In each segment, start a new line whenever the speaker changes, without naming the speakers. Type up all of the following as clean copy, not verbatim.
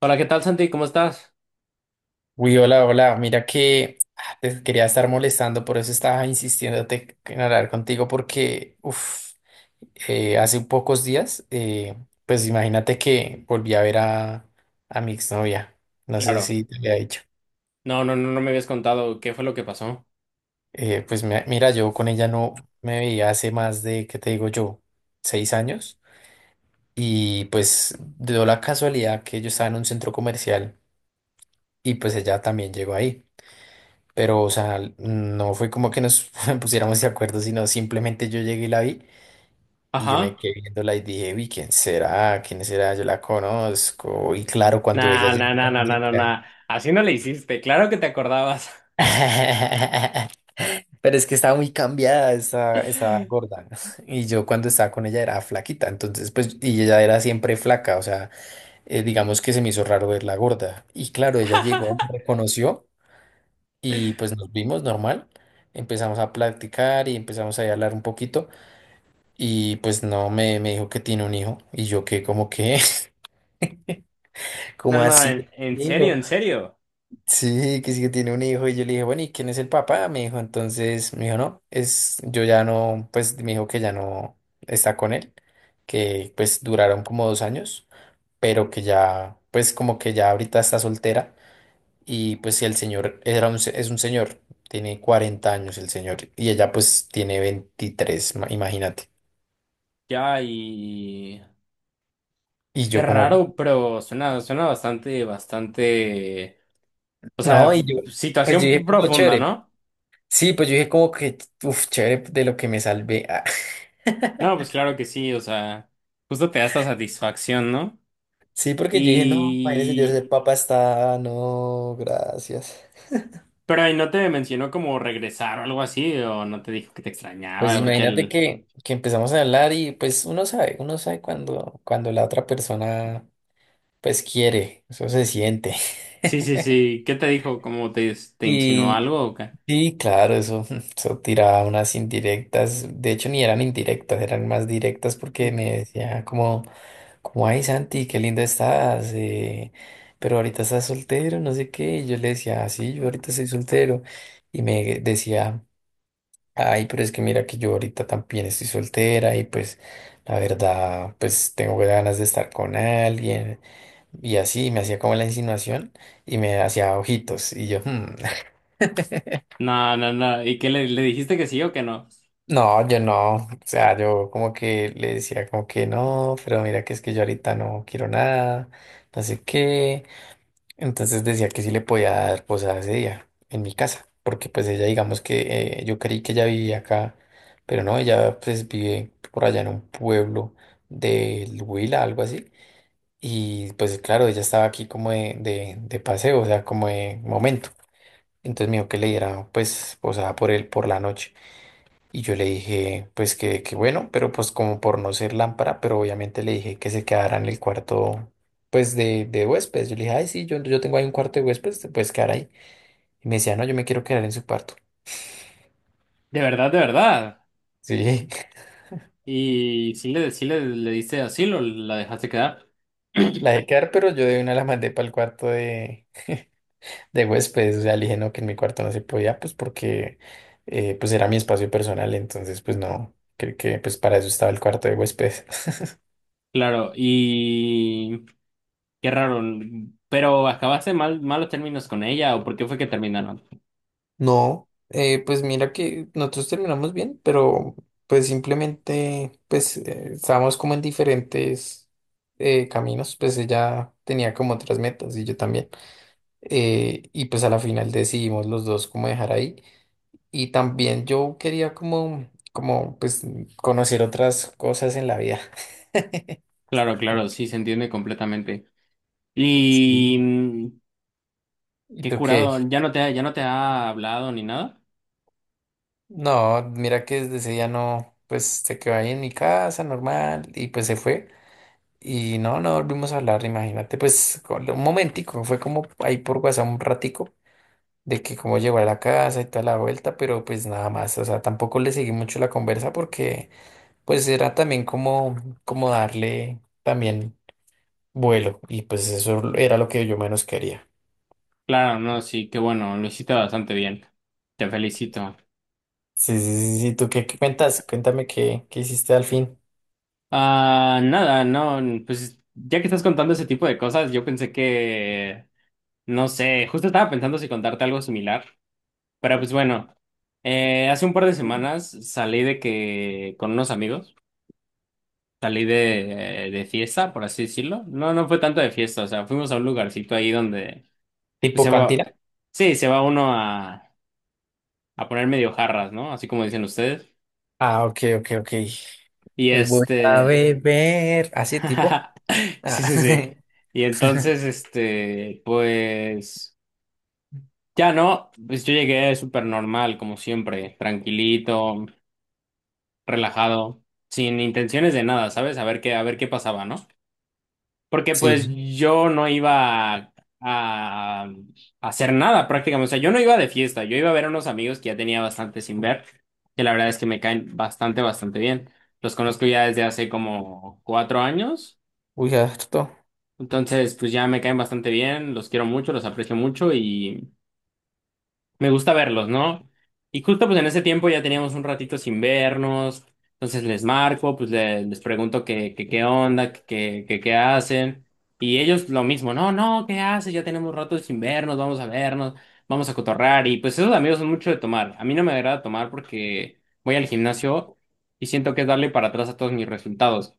Hola, ¿qué tal, Santi? ¿Cómo estás?
Uy, hola, hola. Mira que te quería estar molestando, por eso estaba insistiéndote en hablar contigo, porque uf, hace pocos días, pues imagínate que volví a ver a mi exnovia. No sé
Claro.
si te había dicho.
No, no, no, no me habías contado qué fue lo que pasó.
Pues mira, yo con ella no me veía hace más de, ¿qué te digo yo? 6 años. Y pues dio la casualidad que yo estaba en un centro comercial y pues ella también llegó ahí. Pero, o sea, no fue como que nos pusiéramos de acuerdo, sino simplemente yo llegué y la vi y yo me
Ajá.
quedé viéndola y dije, uy, ¿quién será? ¿Quién será? Yo la conozco. Y claro, cuando ella
Nah, nah,
llegó
nah, nah,
también
nah,
se
nah, nah.
queda.
Así no le hiciste. Claro que te acordabas.
Pero es que estaba muy cambiada, estaba gorda. Y yo cuando estaba con ella era flaquita, entonces pues, y ella era siempre flaca, o sea, digamos que se me hizo raro verla gorda. Y claro, ella llegó, me reconoció. Y pues nos vimos normal, empezamos a platicar y empezamos ahí a hablar un poquito y pues no, me dijo que tiene un hijo y yo que como que,
No,
¿como
no, no,
así?
en serio,
¿Hijo?
en serio.
Sí que tiene un hijo y yo le dije, bueno, ¿y quién es el papá? Me dijo, entonces, me dijo, no, es, yo ya no, pues me dijo que ya no está con él, que pues duraron como 2 años, pero que ya, pues como que ya ahorita está soltera. Y pues si el señor era un, es un señor, tiene 40 años el señor y ella pues tiene 23 imagínate.
Ya, y...
Y
Qué
yo como,
raro, pero suena, suena bastante, bastante... O sea,
no, y yo, pues yo
situación
dije como
profunda,
chévere.
¿no?
Sí, pues yo dije como que, uff, chévere de lo que me salvé. Ah.
No, pues claro que sí, o sea, justo te da esta satisfacción, ¿no?
Sí, porque yo dije, no, madre señor, ese
Y...
papa está, no, gracias.
Pero ahí no te mencionó como regresar o algo así, o no te dijo que te
Pues
extrañaba, porque
imagínate
el...
que empezamos a hablar y pues uno sabe cuando la otra persona pues quiere, eso se siente.
Sí, sí, sí, ¿qué te dijo? ¿Cómo te, te insinuó
y
algo o qué?
Sí, claro, eso, eso tiraba unas indirectas, de hecho ni eran indirectas, eran más directas porque me decía como, ay Santi, qué linda estás, pero ahorita estás soltero, no sé qué, y yo le decía, "Ah, sí, yo ahorita estoy soltero, y me decía, ay, pero es que mira que yo ahorita también estoy soltera, y pues la verdad, pues tengo ganas de estar con alguien, y así, me hacía como la insinuación, y me hacía ojitos, y yo, "Hmm".
No, no, no, ¿y qué le dijiste que sí o que no?
No, yo no, o sea, yo como que le decía como que no, pero mira que es que yo ahorita no quiero nada, no sé qué. Entonces decía que sí le podía dar posada ese día en mi casa, porque pues ella digamos que yo creí que ella vivía acá, pero no, ella pues vive por allá en un pueblo del Huila, algo así. Y pues claro, ella estaba aquí como de paseo, o sea, como de momento. Entonces me dijo que le diera pues posada por él por la noche. Y yo le dije, pues que bueno, pero pues como por no ser lámpara, pero obviamente le dije que se quedara en el cuarto, pues de huéspedes. Yo le dije, ay, sí, yo tengo ahí un cuarto de huéspedes, te puedes quedar ahí. Y me decía, no, yo me quiero quedar en su cuarto.
De verdad, de verdad.
Sí,
Y sí le diste asilo, la dejaste quedar.
la dejé quedar, pero yo de una la mandé para el cuarto de huéspedes. O sea, le dije, no, que en mi cuarto no se podía, pues porque pues era mi espacio personal, entonces pues no, creo que pues para eso estaba el cuarto de huéspedes.
Claro, y qué raro, pero acabaste mal, malos términos con ella, o por qué fue que terminaron.
No, pues mira que nosotros terminamos bien, pero pues simplemente pues estábamos como en diferentes caminos, pues ella tenía como otras metas y yo también. Y pues a la final decidimos los dos como dejar ahí. Y también yo quería como pues conocer otras cosas en la vida.
Claro, claro, sí, se entiende completamente. Y
Sí. ¿Y
qué
tú qué?
curado, ya no te ha, hablado ni nada.
No, mira que desde ese día no, pues se quedó ahí en mi casa normal y pues se fue. Y no, no volvimos a hablar, imagínate, pues un momentico, fue como ahí por WhatsApp un ratico de que cómo llegó a la casa y toda la vuelta, pero pues nada más, o sea, tampoco le seguí mucho la conversa porque pues era también como, darle también vuelo y pues eso era lo que yo menos quería.
Claro, no, sí, qué bueno, lo hiciste bastante bien. Te felicito.
Sí, sí, sí, sí, ¿tú qué cuentas? Cuéntame qué hiciste al fin.
Ah, nada, no, pues ya que estás contando ese tipo de cosas, yo pensé que, no sé, justo estaba pensando si contarte algo similar, pero pues bueno, hace un par de semanas salí con unos amigos, salí de fiesta, por así decirlo. No, no fue tanto de fiesta, o sea, fuimos a un lugarcito ahí donde, pues
¿Tipo
se va,
cantina?
sí, se va uno a poner medio jarras, ¿no? Así como dicen ustedes.
Ah, ok, ok, ok.
Y
Hoy voy a beber. ¿Así tipo?
sí,
Ah,
sí, sí. Y entonces, pues, ya no, pues yo llegué súper normal, como siempre, tranquilito, relajado, sin intenciones de nada, ¿sabes? a ver qué, pasaba, ¿no? Porque
sí,
pues yo no iba a hacer nada prácticamente. O sea, yo no iba de fiesta, yo iba a ver a unos amigos que ya tenía bastante sin ver, que la verdad es que me caen bastante, bastante bien. Los conozco ya desde hace como 4 años,
uy, harto.
entonces pues ya me caen bastante bien, los quiero mucho, los aprecio mucho y... Me gusta verlos, ¿no? Y justo pues en ese tiempo ya teníamos un ratito sin vernos, entonces les marco, les pregunto qué onda, qué hacen, y ellos lo mismo, no, no, ¿qué haces? Ya tenemos rato sin vernos, vamos a vernos, vamos a cotorrar, y pues esos amigos son mucho de tomar. A mí no me agrada tomar porque voy al gimnasio y siento que es darle para atrás a todos mis resultados.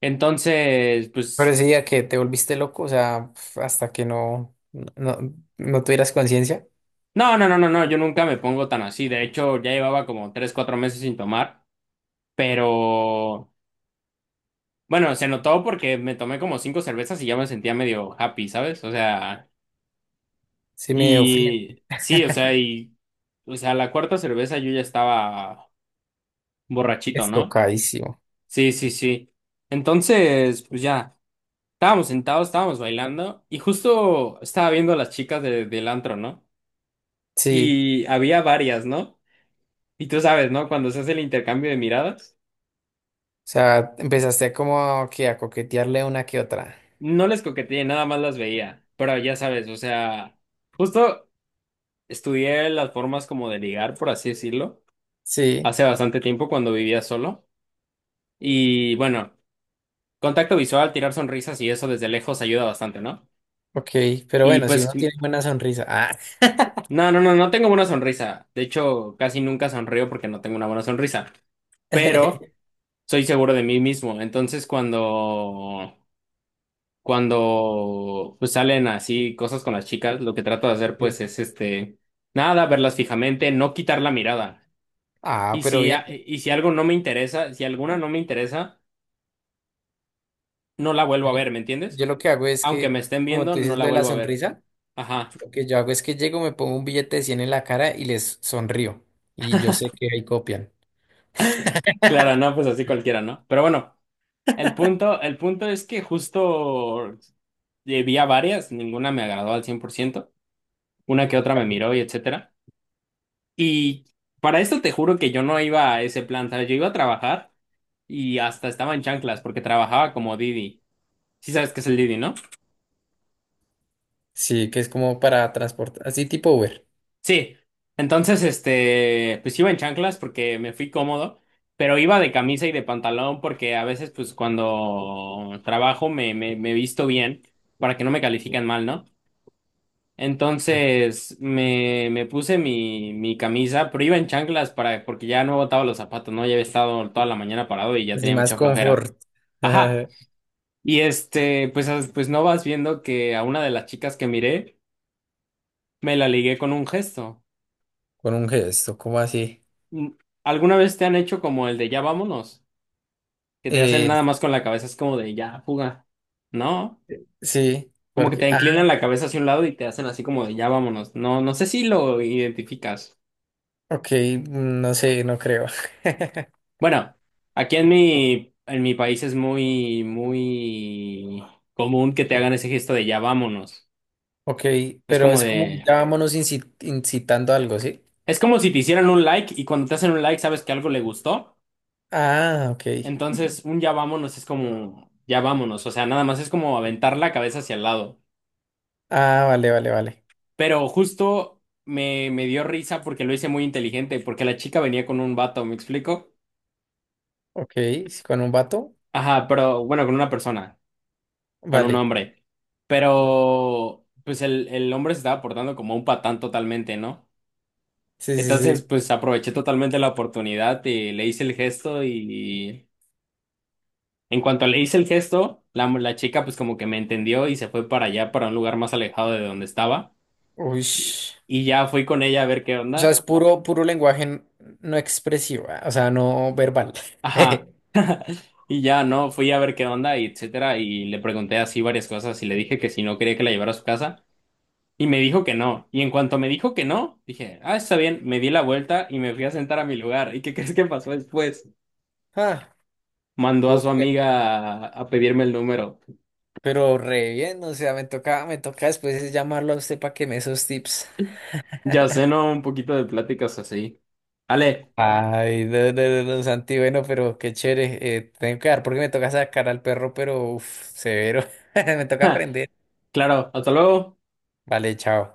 Entonces,
Pero
pues,
sí, a que te volviste loco, o sea, pf, hasta que no, no, no tuvieras conciencia,
no, no, no, no, no, yo nunca me pongo tan así, de hecho ya llevaba como 3, 4 meses sin tomar, pero... Bueno, se notó porque me tomé como 5 cervezas y ya me sentía medio happy, ¿sabes? O sea,
sí me ofrece.
y sí, o sea, y, o sea, la cuarta cerveza yo ya estaba borrachito,
Es
¿no?
tocadísimo.
Sí, sí, sí. Entonces, pues ya, estábamos sentados, estábamos bailando y justo estaba viendo a las chicas del antro, ¿no?
Sí,
Y había varias, ¿no? Y tú sabes, ¿no? Cuando se hace el intercambio de miradas,
o sea, empezaste como que a coquetearle una que otra.
no les coqueteé, nada más las veía, pero ya sabes, o sea... Justo estudié las formas como de ligar, por así decirlo,
Sí,
hace bastante tiempo cuando vivía solo. Y bueno, contacto visual, tirar sonrisas y eso desde lejos ayuda bastante, ¿no?
ok, pero
Y
bueno, si
pues,
uno tiene buena sonrisa. Ah,
no, no, no, no tengo buena sonrisa. De hecho, casi nunca sonrío porque no tengo una buena sonrisa. Pero soy seguro de mí mismo. Entonces, cuando, pues, salen así cosas con las chicas, lo que trato de hacer pues
Sí.
es nada, verlas fijamente, no quitar la mirada.
Ah,
Y
pero
si, a-
bien.
y si algo no me interesa, si alguna no me interesa, no la vuelvo a ver, ¿me entiendes?
Yo lo que hago es
Aunque
que,
me estén
como
viendo,
tú
no
dices
la
lo de la
vuelvo a ver.
sonrisa,
Ajá.
lo que yo hago es que llego, me pongo un billete de 100 en la cara y les sonrío. Y yo sé que ahí copian.
Claro, no, pues así cualquiera, ¿no? Pero bueno, el punto es que justo vi a varias, ninguna me agradó al 100%. Una que otra me miró y etcétera. Y para esto te juro que yo no iba a ese plan, ¿sabes? Yo iba a trabajar y hasta estaba en chanclas porque trabajaba como Didi. Sí sabes qué es el Didi, ¿no?
Sí, que es como para transportar, así tipo Uber.
Sí, entonces, pues iba en chanclas porque me fui cómodo, pero iba de camisa y de pantalón porque a veces, pues cuando trabajo me, visto bien para que no me califiquen mal, ¿no?
Uf,
Entonces me puse mi camisa, pero iba en chanclas porque ya no botaba los zapatos, ¿no? Ya había estado toda la mañana parado y ya
así
tenía
más
mucha flojera.
confort.
Ajá. Y pues, pues no vas viendo que a una de las chicas que miré me la ligué con un gesto.
Con un gesto, ¿cómo así?
Mm, ¿Alguna vez te han hecho como el de ya vámonos? Que te hacen
Eh,
nada más con la cabeza, es como de ya fuga, ¿no?
sí,
Como que
porque,
te
ah,
inclinan la cabeza hacia un lado y te hacen así como de ya vámonos. No, no sé si lo identificas.
ok, no sé, no creo.
Bueno, aquí en mi, país es muy, muy común que te hagan ese gesto de ya vámonos.
Ok,
Es
pero
como
es como
de,
ya vámonos incitando algo, ¿sí?
es como si te hicieran un like y cuando te hacen un like sabes que algo le gustó.
Ah, ok.
Entonces un ya vámonos es como ya vámonos. O sea, nada más es como aventar la cabeza hacia el lado.
Ah, vale, vale, vale.
Pero justo me, dio risa porque lo hice muy inteligente, porque la chica venía con un vato, ¿me explico?
Ok, sí, con un vato,
Ajá, pero bueno, con una persona, con un
vale.
hombre. Pero pues el, hombre se estaba portando como un patán totalmente, ¿no?
Sí, sí,
Entonces,
sí.
pues aproveché totalmente la oportunidad y le hice el gesto y en cuanto le hice el gesto, la chica pues como que me entendió y se fue para allá, para un lugar más alejado de donde estaba.
Uy.
Y, y ya fui con ella a ver qué
O sea,
onda.
es puro, puro lenguaje no expresivo, ah, o sea, no verbal.
Ajá. Y ya, ¿no? Fui a ver qué onda y etcétera, y le pregunté así varias cosas y le dije que si no quería que la llevara a su casa, y me dijo que no. Y en cuanto me dijo que no, dije, ah, está bien, me di la vuelta y me fui a sentar a mi lugar. ¿Y qué crees que pasó después?
Ah,
Mandó a
uf,
su amiga a, pedirme el número.
pero re bien, o sea, me toca después llamarlo a usted para que me dé esos tips.
Ya sé, ¿no? Un poquito de pláticas así. Ale,
Ay, no, no, no, no, Santi, bueno, pero qué chévere. Tengo que dar porque me toca sacar al perro, pero uff, severo. Me toca aprender.
claro, hasta luego.
Vale, chao.